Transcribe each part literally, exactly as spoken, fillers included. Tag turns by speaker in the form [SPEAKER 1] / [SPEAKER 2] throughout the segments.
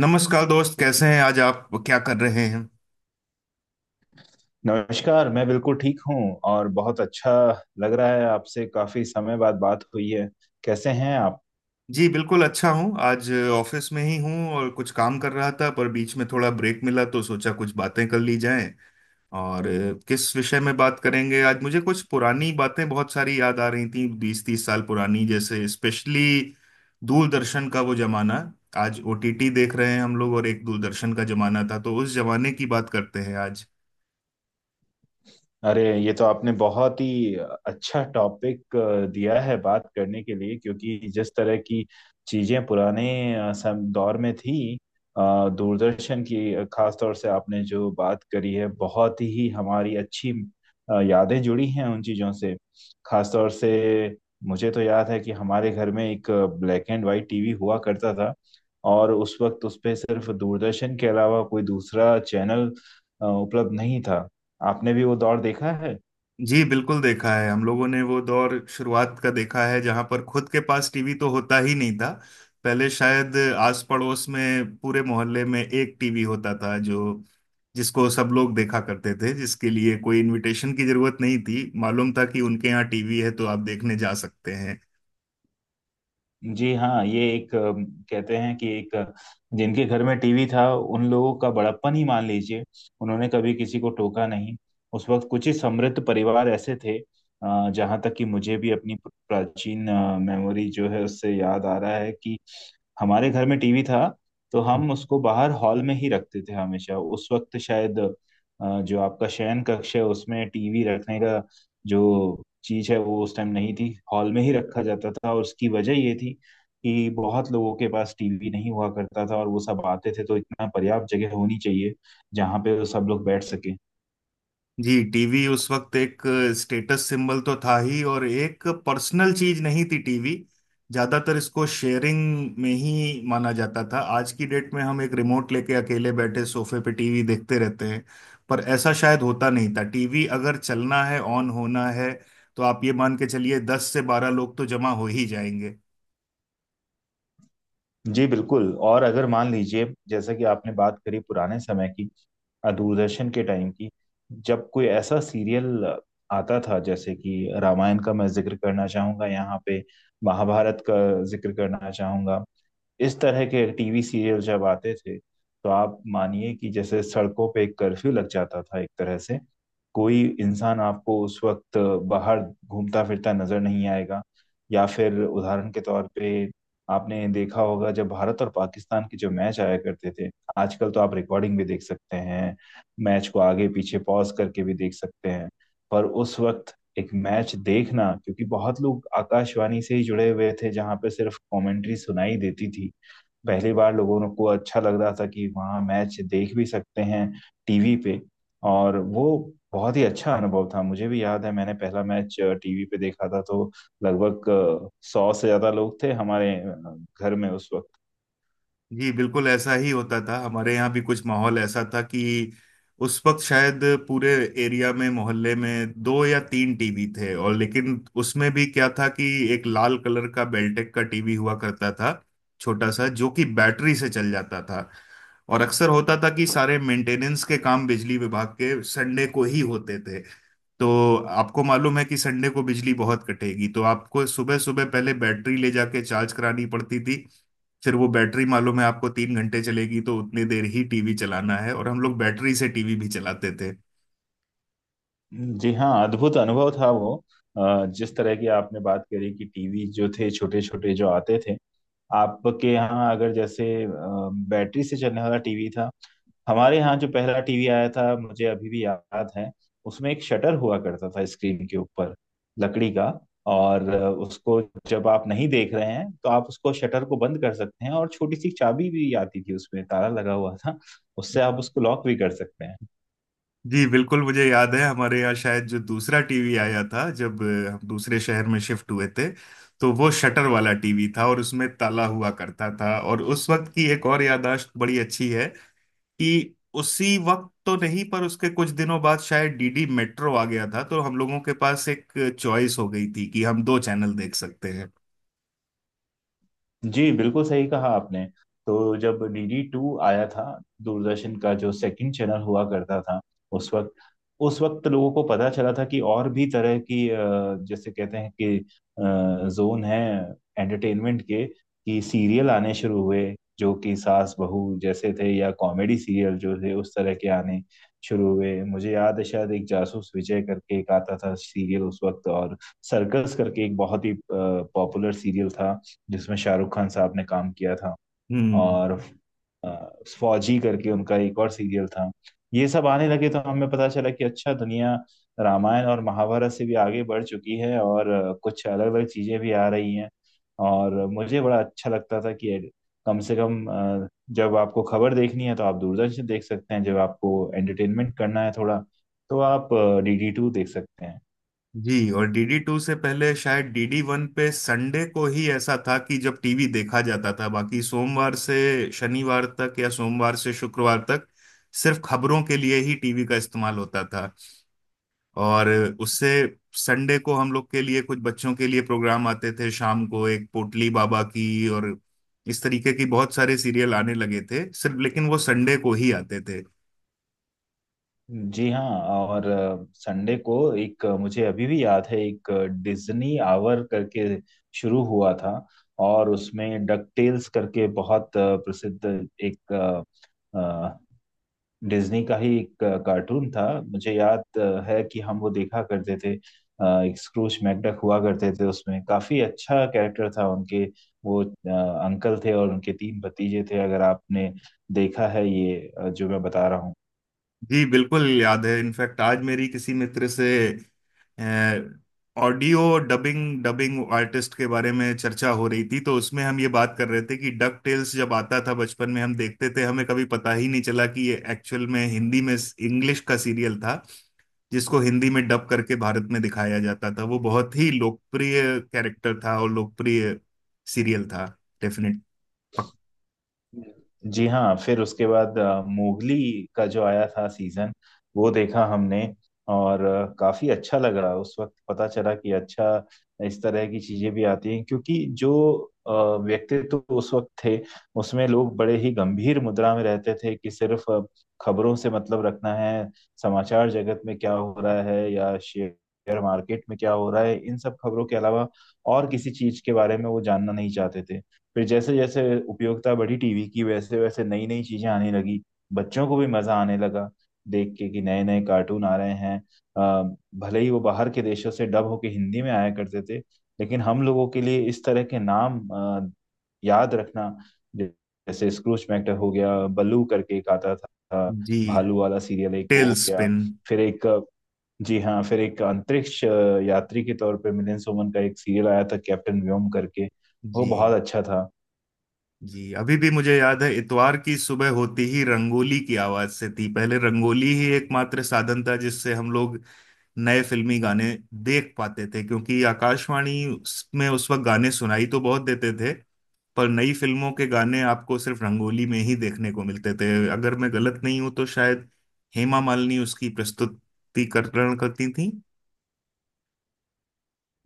[SPEAKER 1] नमस्कार दोस्त, कैसे हैं? आज आप क्या कर रहे हैं?
[SPEAKER 2] नमस्कार, मैं बिल्कुल ठीक हूँ और बहुत अच्छा लग रहा है। आपसे काफी समय बाद बात हुई है। कैसे हैं आप?
[SPEAKER 1] जी बिल्कुल अच्छा हूँ। आज ऑफिस में ही हूँ और कुछ काम कर रहा था, पर बीच में थोड़ा ब्रेक मिला तो सोचा कुछ बातें कर ली जाएं। और अ, किस विषय में बात करेंगे आज? मुझे कुछ पुरानी बातें बहुत सारी याद आ रही थी, बीस तीस साल पुरानी, जैसे स्पेशली दूरदर्शन का वो जमाना। आज ओ टी टी देख रहे हैं हम लोग, और एक दूरदर्शन का जमाना था, तो उस जमाने की बात करते हैं आज।
[SPEAKER 2] अरे, ये तो आपने बहुत ही अच्छा टॉपिक दिया है बात करने के लिए, क्योंकि जिस तरह की चीजें पुराने अ, सम दौर में थी, अ, दूरदर्शन की, अ, खास तौर से आपने जो बात करी है, बहुत ही हमारी अच्छी अ, यादें जुड़ी हैं उन चीजों से। खास तौर से मुझे तो याद है कि हमारे घर में एक ब्लैक एंड वाइट टीवी हुआ करता था, और उस वक्त उस पे सिर्फ दूरदर्शन के अलावा कोई दूसरा चैनल अ, उपलब्ध नहीं था। आपने भी वो दौर देखा है।
[SPEAKER 1] जी बिल्कुल देखा है हम लोगों ने वो दौर, शुरुआत का देखा है जहां पर खुद के पास टीवी तो होता ही नहीं था। पहले शायद आस पड़ोस में, पूरे मोहल्ले में एक टीवी होता था जो जिसको सब लोग देखा करते थे, जिसके लिए कोई इनविटेशन की जरूरत नहीं थी, मालूम था कि उनके यहाँ टीवी है तो आप देखने जा सकते हैं।
[SPEAKER 2] जी हाँ, ये एक अम, कहते हैं कि एक अ, जिनके घर में टीवी था उन लोगों का बड़प्पन ही मान लीजिए। उन्होंने कभी किसी को टोका नहीं। उस वक्त कुछ ही समृद्ध परिवार ऐसे थे, अ, जहाँ तक कि मुझे भी अपनी प्राचीन अ, मेमोरी जो है उससे याद आ रहा है कि हमारे घर में टीवी था, तो हम उसको बाहर हॉल में ही रखते थे हमेशा। उस वक्त शायद अ, जो आपका शयन कक्ष है उसमें टीवी रखने का जो चीज है वो उस टाइम नहीं थी। हॉल में ही रखा जाता था, और उसकी वजह ये थी कि बहुत लोगों के पास टीवी नहीं हुआ करता था और वो सब आते थे, तो इतना पर्याप्त जगह होनी चाहिए जहाँ पे वो सब लोग बैठ सके।
[SPEAKER 1] जी, टीवी उस वक्त एक स्टेटस सिंबल तो था ही, और एक पर्सनल चीज नहीं थी टीवी। ज्यादातर इसको शेयरिंग में ही माना जाता था। आज की डेट में हम एक रिमोट लेके अकेले बैठे सोफे पे टीवी देखते रहते हैं, पर ऐसा शायद होता नहीं था। टीवी अगर चलना है, ऑन होना है, तो आप ये मान के चलिए दस से बारह लोग तो जमा हो ही जाएंगे।
[SPEAKER 2] जी बिल्कुल। और अगर मान लीजिए, जैसा कि आपने बात करी पुराने समय की, अ, दूरदर्शन के टाइम की, जब कोई ऐसा सीरियल आता था, जैसे कि रामायण का मैं जिक्र करना चाहूंगा यहाँ पे, महाभारत का जिक्र करना चाहूंगा, इस तरह के टीवी सीरियल जब आते थे तो आप मानिए कि जैसे सड़कों पे एक कर्फ्यू लग जाता था, एक तरह से कोई इंसान आपको उस वक्त बाहर घूमता फिरता नजर नहीं आएगा। या फिर उदाहरण के तौर पे आपने देखा होगा जब भारत और पाकिस्तान के जो मैच आया करते थे। आजकल तो आप रिकॉर्डिंग भी देख सकते हैं, मैच को आगे पीछे पॉज करके भी देख सकते हैं। पर उस वक्त एक मैच देखना, क्योंकि बहुत लोग आकाशवाणी से ही जुड़े हुए थे जहां पे सिर्फ कमेंट्री सुनाई देती थी, पहली बार लोगों को अच्छा लग रहा था कि वहाँ मैच देख भी सकते हैं टीवी पे। और वो बहुत ही अच्छा अनुभव था। मुझे भी याद है मैंने पहला मैच टीवी पे देखा था, तो लगभग सौ से ज्यादा लोग थे हमारे अ, घर में उस वक्त।
[SPEAKER 1] जी बिल्कुल, ऐसा ही होता था। हमारे यहाँ भी कुछ माहौल ऐसा था कि उस वक्त शायद पूरे एरिया में, मोहल्ले में दो या तीन टीवी थे। और लेकिन उसमें भी क्या था कि एक लाल कलर का बेल्टेक का टीवी हुआ करता था, छोटा सा, जो कि बैटरी से चल जाता था। और अक्सर होता था कि सारे मेंटेनेंस के काम बिजली विभाग के संडे को ही होते थे। तो आपको मालूम है कि संडे को बिजली बहुत कटेगी, तो आपको सुबह सुबह पहले बैटरी ले जाके चार्ज करानी पड़ती थी। फिर वो बैटरी मालूम है आपको तीन घंटे चलेगी, तो उतनी देर ही टीवी चलाना है, और हम लोग बैटरी से टीवी भी चलाते थे।
[SPEAKER 2] जी हाँ, अद्भुत अनुभव था वो। अ, जिस तरह की आपने बात करी कि टीवी जो थे छोटे छोटे जो आते थे, आपके यहाँ अगर जैसे अ, बैटरी से चलने वाला टीवी था, हमारे यहाँ जो पहला टीवी आया था मुझे अभी भी याद है, उसमें एक शटर हुआ करता था स्क्रीन के ऊपर, लकड़ी का। और उसको जब आप नहीं देख रहे हैं तो आप उसको शटर को बंद कर सकते हैं, और छोटी सी चाबी भी आती थी, उसमें ताला लगा हुआ था, उससे आप उसको लॉक भी कर सकते हैं।
[SPEAKER 1] जी बिल्कुल, मुझे याद है हमारे यहाँ शायद जो दूसरा टीवी आया था, जब अ, हम दूसरे शहर में शिफ्ट हुए थे, तो वो शटर वाला टीवी था और उसमें ताला हुआ करता था। और उस वक्त की एक और याददाश्त बड़ी अच्छी है कि उसी वक्त तो नहीं, पर उसके कुछ दिनों बाद शायद डी डी मेट्रो आ गया था, तो हम लोगों के पास एक चॉइस हो गई थी कि हम दो चैनल देख सकते हैं।
[SPEAKER 2] जी बिल्कुल सही कहा आपने। तो जब डी डी टू आया था, दूरदर्शन का जो सेकंड चैनल हुआ करता था, उस वक्त उस वक्त लोगों को पता चला था कि और भी तरह की, अ, जैसे कहते हैं कि अ, जोन है एंटरटेनमेंट के, कि सीरियल आने शुरू हुए जो कि सास बहू जैसे थे, या कॉमेडी सीरियल जो थे उस तरह के आने शुरू हुए। मुझे याद है शायद एक जासूस विजय करके एक आता था सीरियल उस वक्त, और सर्कस करके एक बहुत ही पॉपुलर सीरियल था जिसमें शाहरुख खान साहब ने काम किया था।
[SPEAKER 1] हम्म।
[SPEAKER 2] और अ, फौजी करके उनका एक और सीरियल था। ये सब आने लगे तो हमें पता चला कि अच्छा, दुनिया रामायण और महाभारत से भी आगे बढ़ चुकी है, और अ, कुछ अलग अलग चीजें भी आ रही हैं। और मुझे बड़ा अच्छा लगता था कि कम से कम अ, जब आपको खबर देखनी है तो आप दूरदर्शन देख सकते हैं, जब आपको एंटरटेनमेंट करना है थोड़ा तो आप डी डी टू देख सकते हैं।
[SPEAKER 1] जी, और डी डी टू से पहले शायद डी डी वन पे संडे को ही ऐसा था कि जब टीवी देखा जाता था। बाकी सोमवार से शनिवार तक, या सोमवार से शुक्रवार तक, सिर्फ खबरों के लिए ही टीवी का इस्तेमाल होता था। और उससे संडे को हम लोग के लिए कुछ बच्चों के लिए प्रोग्राम आते थे, शाम को एक पोटली बाबा की, और इस तरीके की बहुत सारे सीरियल आने लगे थे। सिर्फ लेकिन वो संडे को ही आते थे।
[SPEAKER 2] जी हाँ। और संडे को एक अ, मुझे अभी भी याद है, एक अ, डिज्नी आवर करके शुरू हुआ था, और उसमें डक टेल्स करके बहुत अ, प्रसिद्ध एक, अ, अ, डिज्नी का ही एक अ, कार्टून था। मुझे याद अ, है कि हम वो देखा करते थे। अ, एक स्क्रूज मैकडक हुआ करते थे उसमें, काफी अच्छा कैरेक्टर था उनके। वो अ, अंकल थे और उनके तीन भतीजे थे। अगर आपने देखा है ये अ, जो मैं बता रहा हूँ।
[SPEAKER 1] जी बिल्कुल याद है। इनफैक्ट आज मेरी किसी मित्र से ऑडियो डबिंग डबिंग आर्टिस्ट के बारे में चर्चा हो रही थी, तो उसमें हम ये बात कर रहे थे कि डक टेल्स जब आता था बचपन में हम देखते थे, हमें कभी पता ही नहीं चला कि ये एक्चुअल में हिंदी में, इंग्लिश का सीरियल था जिसको हिंदी में डब करके भारत में दिखाया जाता था। वो बहुत ही लोकप्रिय कैरेक्टर था और लोकप्रिय सीरियल था। डेफिनेट पक।
[SPEAKER 2] जी हाँ, फिर उसके बाद अ, मोगली का जो आया था सीजन, वो देखा हमने, और अ, काफी अच्छा लगा। उस वक्त पता चला कि अच्छा, इस तरह की चीजें भी आती हैं, क्योंकि जो अ, व्यक्तित्व उस वक्त थे उसमें लोग बड़े ही गंभीर मुद्रा में रहते थे, कि सिर्फ अ, खबरों से मतलब रखना है। समाचार जगत में क्या हो रहा है, या शेयर मार्केट में क्या हो रहा है, इन सब खबरों के अलावा और किसी चीज के बारे में वो जानना नहीं चाहते थे। फिर जैसे जैसे उपयोगिता बढ़ी टीवी की, वैसे वैसे नई नई चीजें आने लगी, बच्चों को भी मजा आने लगा देख के कि नए नए कार्टून आ रहे हैं। अ, भले ही वो बाहर के देशों से डब होके हिंदी में आया करते थे, लेकिन हम लोगों के लिए इस तरह के नाम अ, याद रखना, जैसे स्क्रूज मैक्टर हो गया, बल्लू करके एक आता था
[SPEAKER 1] जी।
[SPEAKER 2] भालू वाला सीरियल, एक वो
[SPEAKER 1] टेल
[SPEAKER 2] हो गया।
[SPEAKER 1] स्पिन।
[SPEAKER 2] फिर एक, अ, जी हाँ, फिर एक अंतरिक्ष अ, यात्री के तौर पे मिलिंद सोमन का एक सीरियल आया था कैप्टन व्योम करके, वो
[SPEAKER 1] जी।
[SPEAKER 2] बहुत अच्छा था।
[SPEAKER 1] जी, अभी भी मुझे याद है, इतवार की सुबह होती ही रंगोली की आवाज से थी। पहले रंगोली ही एकमात्र साधन था जिससे हम लोग नए फिल्मी गाने देख पाते थे, क्योंकि आकाशवाणी उस- में उस वक्त गाने सुनाई तो बहुत देते थे, पर नई फिल्मों के गाने आपको सिर्फ रंगोली में ही देखने को मिलते थे। अगर मैं गलत नहीं हूं तो शायद हेमा मालिनी उसकी प्रस्तुतिकरण करती थी।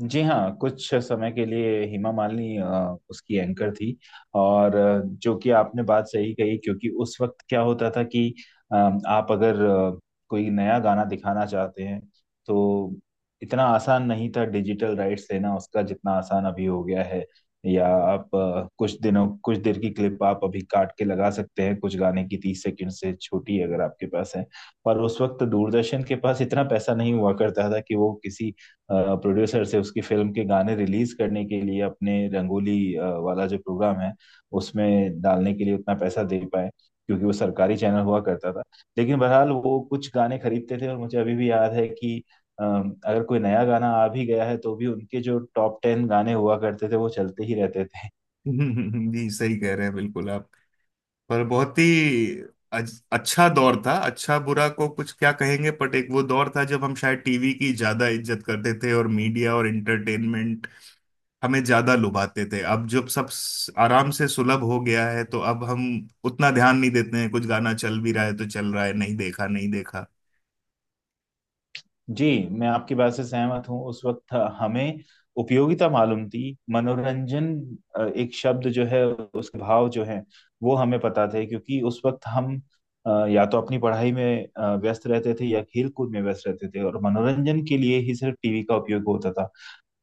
[SPEAKER 2] जी हाँ, कुछ समय के लिए हेमा मालिनी अ, उसकी एंकर थी। और अ, जो कि आपने बात सही कही, क्योंकि उस वक्त क्या होता था कि अ, आप अगर अ, कोई नया गाना दिखाना चाहते हैं, तो इतना आसान नहीं था डिजिटल राइट्स लेना उसका, जितना आसान अभी हो गया है। या आप अ, कुछ दिनों कुछ देर की क्लिप आप अभी काट के लगा सकते हैं, कुछ गाने की तीस सेकंड से छोटी अगर आपके पास है। पर उस वक्त दूरदर्शन के पास इतना पैसा नहीं हुआ करता था कि वो किसी प्रोड्यूसर से उसकी फिल्म के गाने रिलीज करने के लिए, अपने रंगोली अ, वाला जो प्रोग्राम है उसमें डालने के लिए उतना पैसा दे पाए, क्योंकि वो सरकारी चैनल हुआ करता था। लेकिन बहरहाल वो कुछ गाने खरीदते थे, और मुझे अभी भी याद है कि अ, अगर कोई नया गाना आ भी गया है तो भी उनके जो टॉप टेन गाने हुआ करते थे वो चलते ही रहते थे।
[SPEAKER 1] जी, सही कह रहे हैं बिल्कुल आप। पर बहुत ही अज- अच्छा दौर था। अच्छा बुरा को कुछ क्या कहेंगे, बट एक वो दौर था जब हम शायद टीवी की ज्यादा इज्जत करते थे, और मीडिया और एंटरटेनमेंट हमें ज्यादा लुभाते थे। अब जब सब स- आराम से सुलभ हो गया है, तो अब हम उतना ध्यान नहीं देते हैं। कुछ गाना चल भी रहा है तो चल रहा है, नहीं देखा नहीं देखा।
[SPEAKER 2] जी, मैं आपकी बात से सहमत हूँ। उस वक्त हमें उपयोगिता मालूम थी। मनोरंजन अ, एक शब्द जो है उसके भाव जो है वो हमें पता थे, क्योंकि उस वक्त हम अ, या तो अपनी पढ़ाई में अ, व्यस्त रहते थे, या खेल कूद में व्यस्त रहते थे, और मनोरंजन के लिए ही सिर्फ टीवी का उपयोग होता था।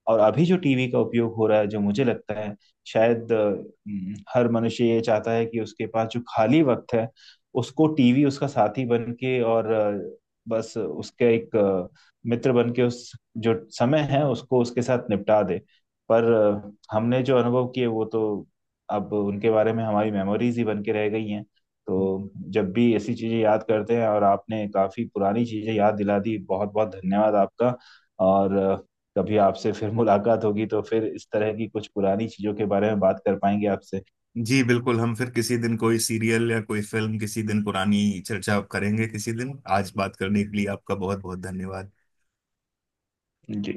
[SPEAKER 2] और अभी जो टीवी का उपयोग हो रहा है, जो मुझे लगता है शायद अ, हम्म, हर मनुष्य ये चाहता है कि उसके पास जो खाली वक्त है उसको टीवी उसका साथी बन के, और अ, बस उसके एक अ, मित्र बन के उस जो समय है उसको उसके साथ निपटा दे। पर अ, हमने जो अनुभव किए वो तो अब उनके बारे में हमारी मेमोरीज ही बन के रह गई हैं। तो जब भी ऐसी चीजें याद करते हैं, और आपने काफी पुरानी चीजें याद दिला दी, बहुत बहुत धन्यवाद आपका। और कभी आपसे फिर मुलाकात होगी तो फिर इस तरह की कुछ पुरानी चीजों के बारे में बात कर पाएंगे आपसे।
[SPEAKER 1] जी बिल्कुल, हम फिर किसी दिन कोई सीरियल या कोई फिल्म किसी दिन पुरानी चर्चा करेंगे किसी दिन। आज बात करने के लिए आपका बहुत बहुत धन्यवाद।
[SPEAKER 2] जी।